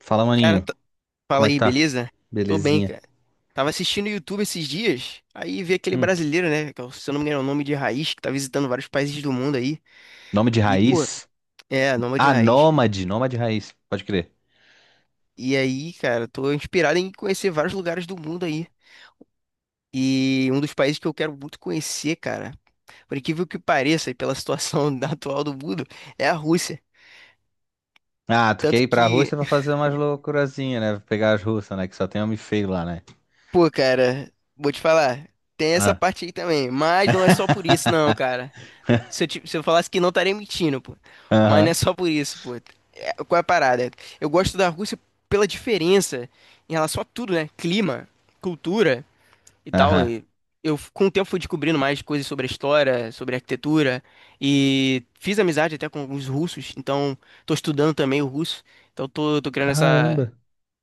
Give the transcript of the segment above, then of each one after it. Fala, Cara, maninho. Como fala é que aí, tá? beleza? Tô bem, Belezinha. cara. Tava assistindo o YouTube esses dias, aí vi aquele Hum, brasileiro, né? Se eu não me engano, é o nome de Raiz, que tá visitando vários países do mundo aí. nome de E, pô, raiz? Nome de Ah, Raiz. Nômade. Nômade raiz. Pode crer. E aí, cara, tô inspirado em conhecer vários lugares do mundo aí. E um dos países que eu quero muito conhecer, cara, por incrível que pareça, e pela situação da atual do mundo, é a Rússia. Ah, tu quer Tanto ir pra que Rússia pra fazer umas loucurazinhas, né? Pegar as russas, né? Que só tem homem feio lá, né? Pô, cara, vou te falar. Tem essa Ah. parte aí também. Mas não é só por isso, não, cara. Se eu falasse que não, eu estaria mentindo, pô. Mas não é Aham. só por isso, pô. É, qual é a parada? Eu gosto da Rússia pela diferença em relação a tudo, né? Clima, cultura e tal. Aham. E eu, com o tempo, fui descobrindo mais coisas sobre a história, sobre a arquitetura. E fiz amizade até com alguns russos. Então, tô estudando também o russo. Então, tô criando essa Caramba.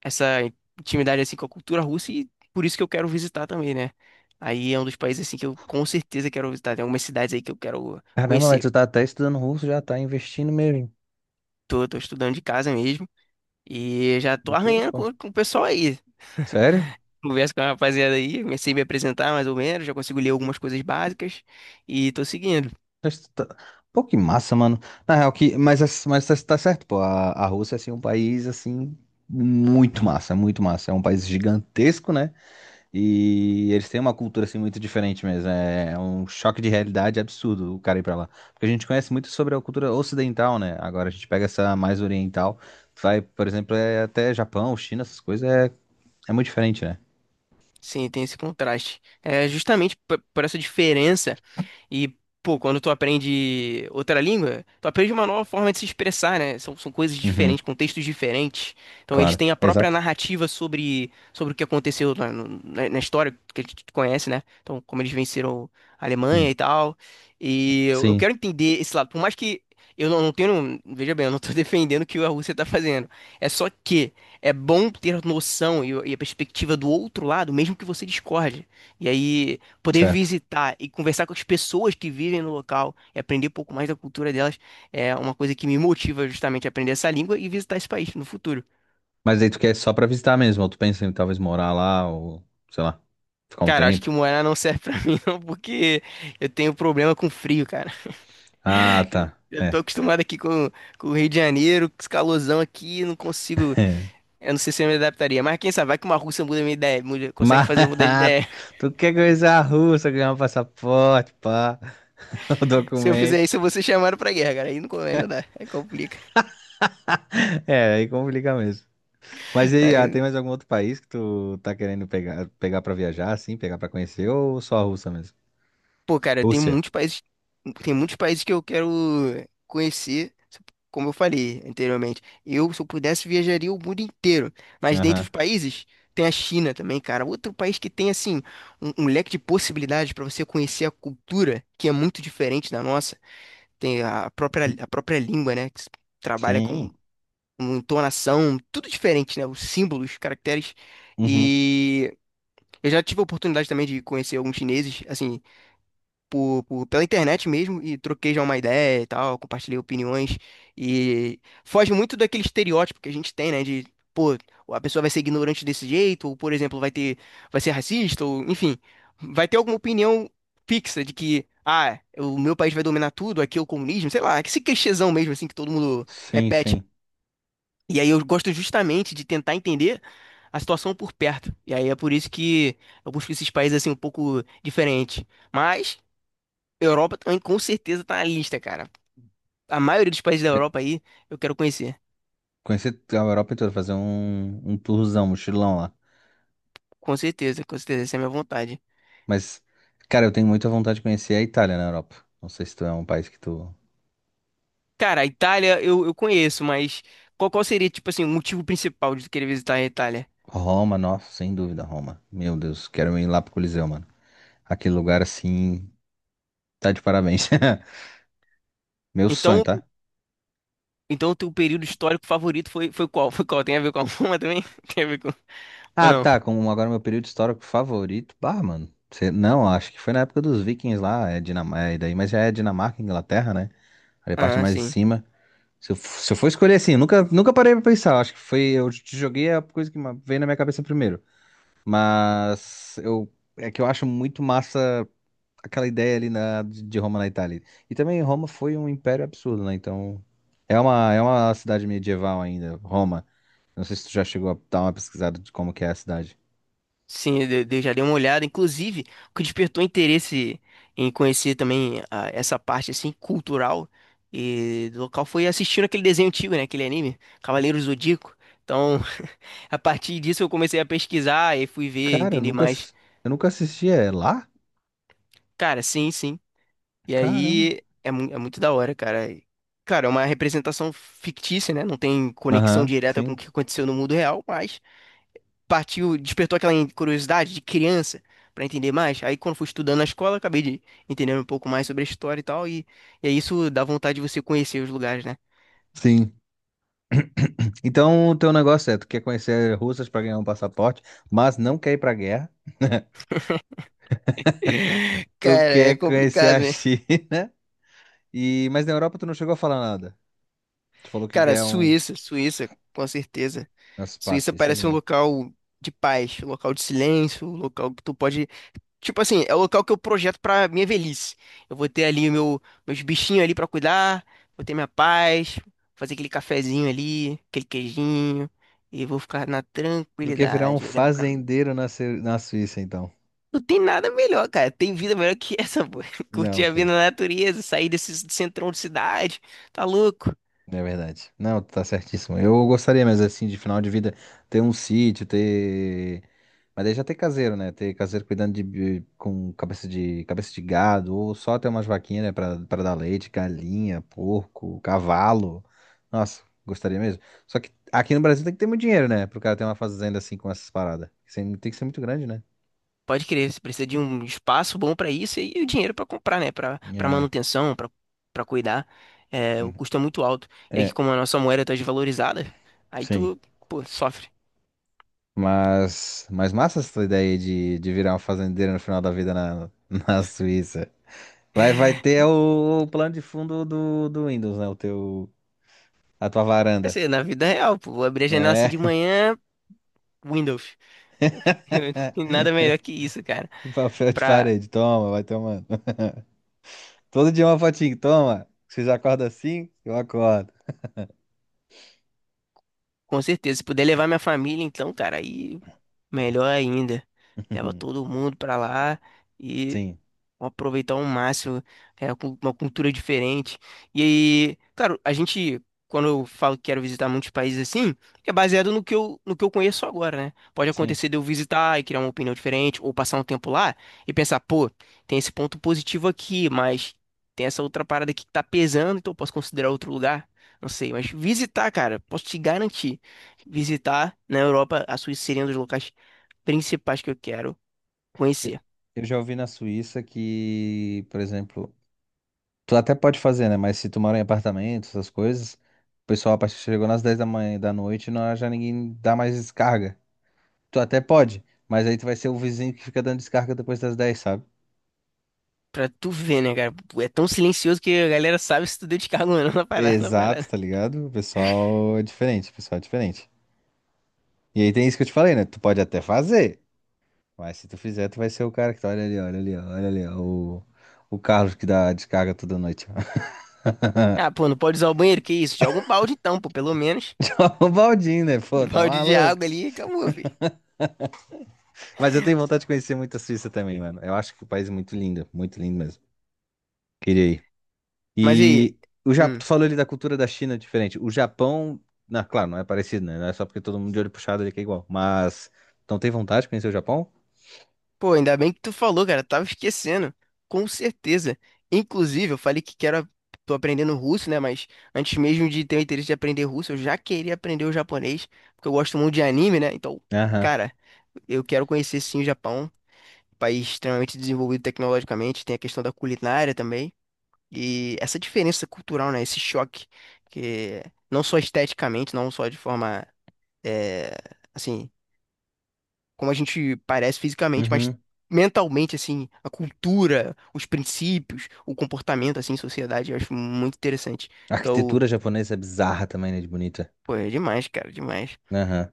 essa intimidade assim com a cultura russa e por isso que eu quero visitar também, né? Aí é um dos países assim que eu com certeza quero visitar. Tem algumas cidades aí que eu quero Caramba, mas conhecer. tu tá até estudando russo, já tá investindo mesmo. Tô estudando de casa mesmo e já tô Loucura, arranhando pô. com o pessoal aí. Sério? Converso com a rapaziada aí, comecei a me apresentar mais ou menos, já consigo ler algumas coisas básicas e tô seguindo. Mas tu tá- Pô, que massa, mano. Na real, mas tá certo, pô. A Rússia, assim, é um país, assim, muito massa, muito massa. É um país gigantesco, né? E eles têm uma cultura, assim, muito diferente mesmo. É um choque de realidade absurdo o cara ir pra lá. Porque a gente conhece muito sobre a cultura ocidental, né? Agora a gente pega essa mais oriental, vai, por exemplo, é até Japão, China, essas coisas, é, é muito diferente, né? Sim, tem esse contraste. É justamente por essa diferença. E, pô, quando tu aprende outra língua, tu aprende uma nova forma de se expressar, né? São coisas Uhum, diferentes, contextos diferentes. Então, eles claro. têm a própria Exato. narrativa sobre o que aconteceu na, no- na- na história que a gente conhece, né? Então, como eles venceram a Alemanha Hum. e tal. E eu Sim, quero entender esse lado. Por mais que eu não tenho. Veja bem, eu não tô defendendo o que a Rússia tá fazendo. É só que é bom ter a noção e a perspectiva do outro lado, mesmo que você discorde. E aí poder certo. visitar e conversar com as pessoas que vivem no local e aprender um pouco mais da cultura delas é uma coisa que me motiva justamente a aprender essa língua e visitar esse país no futuro. Mas daí tu quer só pra visitar mesmo, ou tu pensa em talvez morar lá, ou sei lá, ficar um Cara, acho que tempo. morar não serve pra mim não, porque eu tenho problema com frio, cara. Ah, tá. Eu tô É. acostumado aqui com o Rio de Janeiro, com esse calorzão aqui, não consigo. Eu não sei se eu me adaptaria, mas quem sabe, vai que uma russa muda minha ideia, consegue fazer eu mudar de Mas ideia. tu quer coisa russa, ganhar um passaporte, pá, o Se eu fizer documento. isso, eu vou ser chamado pra guerra, cara. Aí não, aí não dá, aí complica. É, aí complica mesmo. Mas e aí, ah, Aí tem mais algum outro país que tu tá querendo pegar, pegar pra viajar, assim, pegar pra conhecer, ou só a Rússia mesmo? Pô, cara, Rússia. Tem muitos países que eu quero conhecer, como eu falei anteriormente. Eu, se eu pudesse, viajaria o mundo inteiro. Mas dentre os Aham. países, tem a China também, cara. Outro país que tem, assim, um leque de possibilidades para você conhecer a cultura, que é muito diferente da nossa. Tem a própria língua, né? Que se trabalha Sim. com entonação, tudo diferente, né? Os símbolos, os caracteres. Uhum. E eu já tive a oportunidade também de conhecer alguns chineses, assim pela internet mesmo e troquei já uma ideia e tal, compartilhei opiniões e foge muito daquele estereótipo que a gente tem, né, de, pô, a pessoa vai ser ignorante desse jeito, ou, por exemplo, vai ser racista, ou, enfim, vai ter alguma opinião fixa de que, ah, o meu país vai dominar tudo, aqui é o comunismo, sei lá, esse clichêzão mesmo, assim, que todo mundo Sim, repete. sim. E aí eu gosto justamente de tentar entender a situação por perto. E aí é por isso que eu busco esses países, assim, um pouco diferentes. Mas... Europa também com certeza tá na lista, cara. A maioria dos países da Pe- Europa aí eu quero conhecer. Conhecer a Europa toda, fazer um tourzão, mochilão lá. Com certeza, essa é a minha vontade. Mas, cara, eu tenho muita vontade de conhecer a Itália na Europa. Não sei se tu é um país que tu. Cara, a Itália eu conheço, mas qual seria, tipo assim, o motivo principal de tu querer visitar a Itália? Roma, nossa, sem dúvida, Roma. Meu Deus, quero ir lá pro Coliseu, mano. Aquele lugar assim, tá de parabéns. Meu sonho, Então, tá? então o teu período histórico favorito foi qual? Foi qual? Tem a ver com a Roma também? Tem a ver com... Ou Ah, não? tá, como agora meu período histórico favorito. Bah, mano. Não, acho que foi na época dos Vikings lá, é Dinamarca, é daí, mas já é Dinamarca, Inglaterra, né? Ali a parte Ah, mais de sim. cima. Se eu for escolher assim, eu nunca, nunca parei pra pensar. Acho que foi. Eu te joguei a coisa veio na minha cabeça primeiro. Mas eu é que eu acho muito massa aquela ideia ali na, de Roma na Itália. E também Roma foi um império absurdo, né? Então é uma cidade medieval ainda, Roma. Não sei se tu já chegou a dar uma pesquisada de como que é a cidade. Sim, eu já dei uma olhada. Inclusive, o que despertou interesse em conhecer também essa parte assim cultural e do local foi assistindo aquele desenho antigo, né? Aquele anime, Cavaleiros Zodíaco. Então, a partir disso eu comecei a pesquisar e fui ver, Cara, eu entender nunca, mais. ass- Eu nunca assisti. É lá? Cara, sim, sim. E Caramba. aí é, é muito da hora, cara. E, Cara, é uma representação fictícia, né? Não tem conexão Aham, direta com o sim. que aconteceu no mundo real, mas partiu, despertou aquela curiosidade de criança para entender mais. Aí quando fui estudando na escola, acabei de entender um pouco mais sobre a história e tal, e aí isso dá vontade de você conhecer os lugares, né? Sim. Então o teu negócio é, tu quer conhecer russas pra ganhar um passaporte, mas não quer ir pra guerra. Tu Cara, é quer conhecer complicado, a né? China. E, mas na Europa tu não chegou a falar nada. Tu falou que Cara, é um. Suíça, Suíça, com certeza. Nossa, pá, a Suíça Suíça é parece um linda. local de paz, um local de silêncio, um local que tu pode Tipo assim, é o local que eu projeto pra minha velhice. Eu vou ter ali o meu, meus bichinhos ali pra cuidar, vou ter minha paz, fazer aquele cafezinho ali, aquele queijinho, e vou ficar na Do que virar um tranquilidade, olhando pra... mim. fazendeiro na, na Suíça, então. Não tem nada melhor, cara. Tem vida melhor que essa, pô. Curtir Não a vida tem. na natureza, sair desse centrão de cidade, tá louco? É verdade. Não, tu tá certíssimo. Eu gostaria, mas assim, de final de vida, ter um sítio, ter. Mas daí já ter caseiro, né? Ter caseiro cuidando de, com cabeça de gado, ou só ter umas vaquinhas, né? Pra, pra dar leite, galinha, porco, cavalo. Nossa, gostaria mesmo. Só que aqui no Brasil tem que ter muito dinheiro, né? Pro cara ter uma fazenda assim com essas paradas. Tem que ser muito grande, né? Pode crer, você precisa de um espaço bom pra isso e o dinheiro pra comprar, né? Pra para É. manutenção, pra para cuidar. É, o Uhum. custo é muito alto. E aqui, É, como a nossa moeda tá desvalorizada, aí sim. tu, pô, sofre. Mas massa essa ideia de virar um fazendeiro no final da vida na, na Suíça. Vai, vai ter o plano de fundo do Windows, né? O teu, a tua varanda, Assim, na vida real, pô, vou abrir a janela assim né? de manhã, Windows. Tem Nada melhor que isso, cara. O papel de Pra, parede, toma, vai tomando. Todo dia uma fotinho, toma. Você já acorda assim? Eu acordo. com certeza, se puder levar minha família, então, cara, aí melhor ainda. Leva todo mundo pra lá Sim, aproveitar ao máximo, é, uma cultura diferente. E aí, claro, a gente, quando eu falo que quero visitar muitos países assim, é baseado no que eu, no que eu conheço agora, né? Pode sim. acontecer de eu visitar e criar uma opinião diferente, ou passar um tempo lá e pensar, pô, tem esse ponto positivo aqui, mas tem essa outra parada aqui que tá pesando, então eu posso considerar outro lugar. Não sei, mas visitar, cara, posso te garantir. Visitar na Europa, a Suíça seria um dos locais principais que eu quero Eu, conhecer. eu já ouvi na Suíça que, por exemplo, tu até pode fazer, né? Mas se tu mora em apartamento, essas coisas, o pessoal a partir chegou nas 10 da manhã e da noite, não, já ninguém dá mais descarga. Tu até pode, mas aí tu vai ser o vizinho que fica dando descarga depois das 10, sabe? Pra tu ver, né, cara? É tão silencioso que a galera sabe se tu deu descarga ou não na parada, na Exato, parada. tá ligado? O pessoal é diferente, o pessoal é diferente. E aí tem isso que eu te falei, né? Tu pode até fazer, mas se tu fizer, tu vai ser o cara que tá, olha ali, ó, o Carlos que dá descarga toda noite. Ah, pô, não pode usar o banheiro, que isso? Joga um balde então, pô, pelo menos. O Baldinho, né? Pô, Um tá balde de maluco. água ali e acabou, filho. Mas eu tenho vontade de conhecer muito a Suíça também, mano. Eu acho que o país é muito lindo mesmo. Queria ir. Mas e aí? E o Japão, Hum. tu falou ali da cultura da China diferente. O Japão, na claro, não é parecido, né? Não é só porque todo mundo de olho puxado ali que é igual. Mas, então tem vontade de conhecer o Japão? Pô, ainda bem que tu falou, cara. Tava esquecendo. Com certeza. Inclusive, eu falei que quero. Tô aprendendo russo, né? Mas antes mesmo de ter o interesse de aprender russo, eu já queria aprender o japonês. Porque eu gosto muito de anime, né? Então, Aham. cara, eu quero conhecer sim o Japão. País extremamente desenvolvido tecnologicamente, tem a questão da culinária também, e essa diferença cultural, né, esse choque, que não só esteticamente, não só de forma, é, assim, como a gente parece fisicamente, mas Uhum. mentalmente, assim, a cultura, os princípios, o comportamento, assim, em sociedade, eu acho muito interessante. A Então, arquitetura japonesa é bizarra também, né? De bonita. pô, é demais, cara, demais. Aham.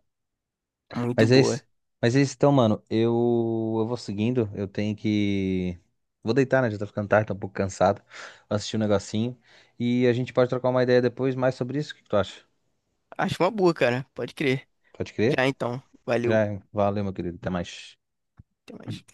Muito Mas é isso. boa. Mas é isso então, mano. Eu vou seguindo. Eu tenho que. Vou deitar, né? Já tá ficando tarde, tô um pouco cansado. Vou assistir um negocinho. E a gente pode trocar uma ideia depois mais sobre isso. O que que tu acha? Acho uma boa, cara, pode crer. Pode crer? Já então, valeu, Já, valeu, meu querido. Até mais. até mais.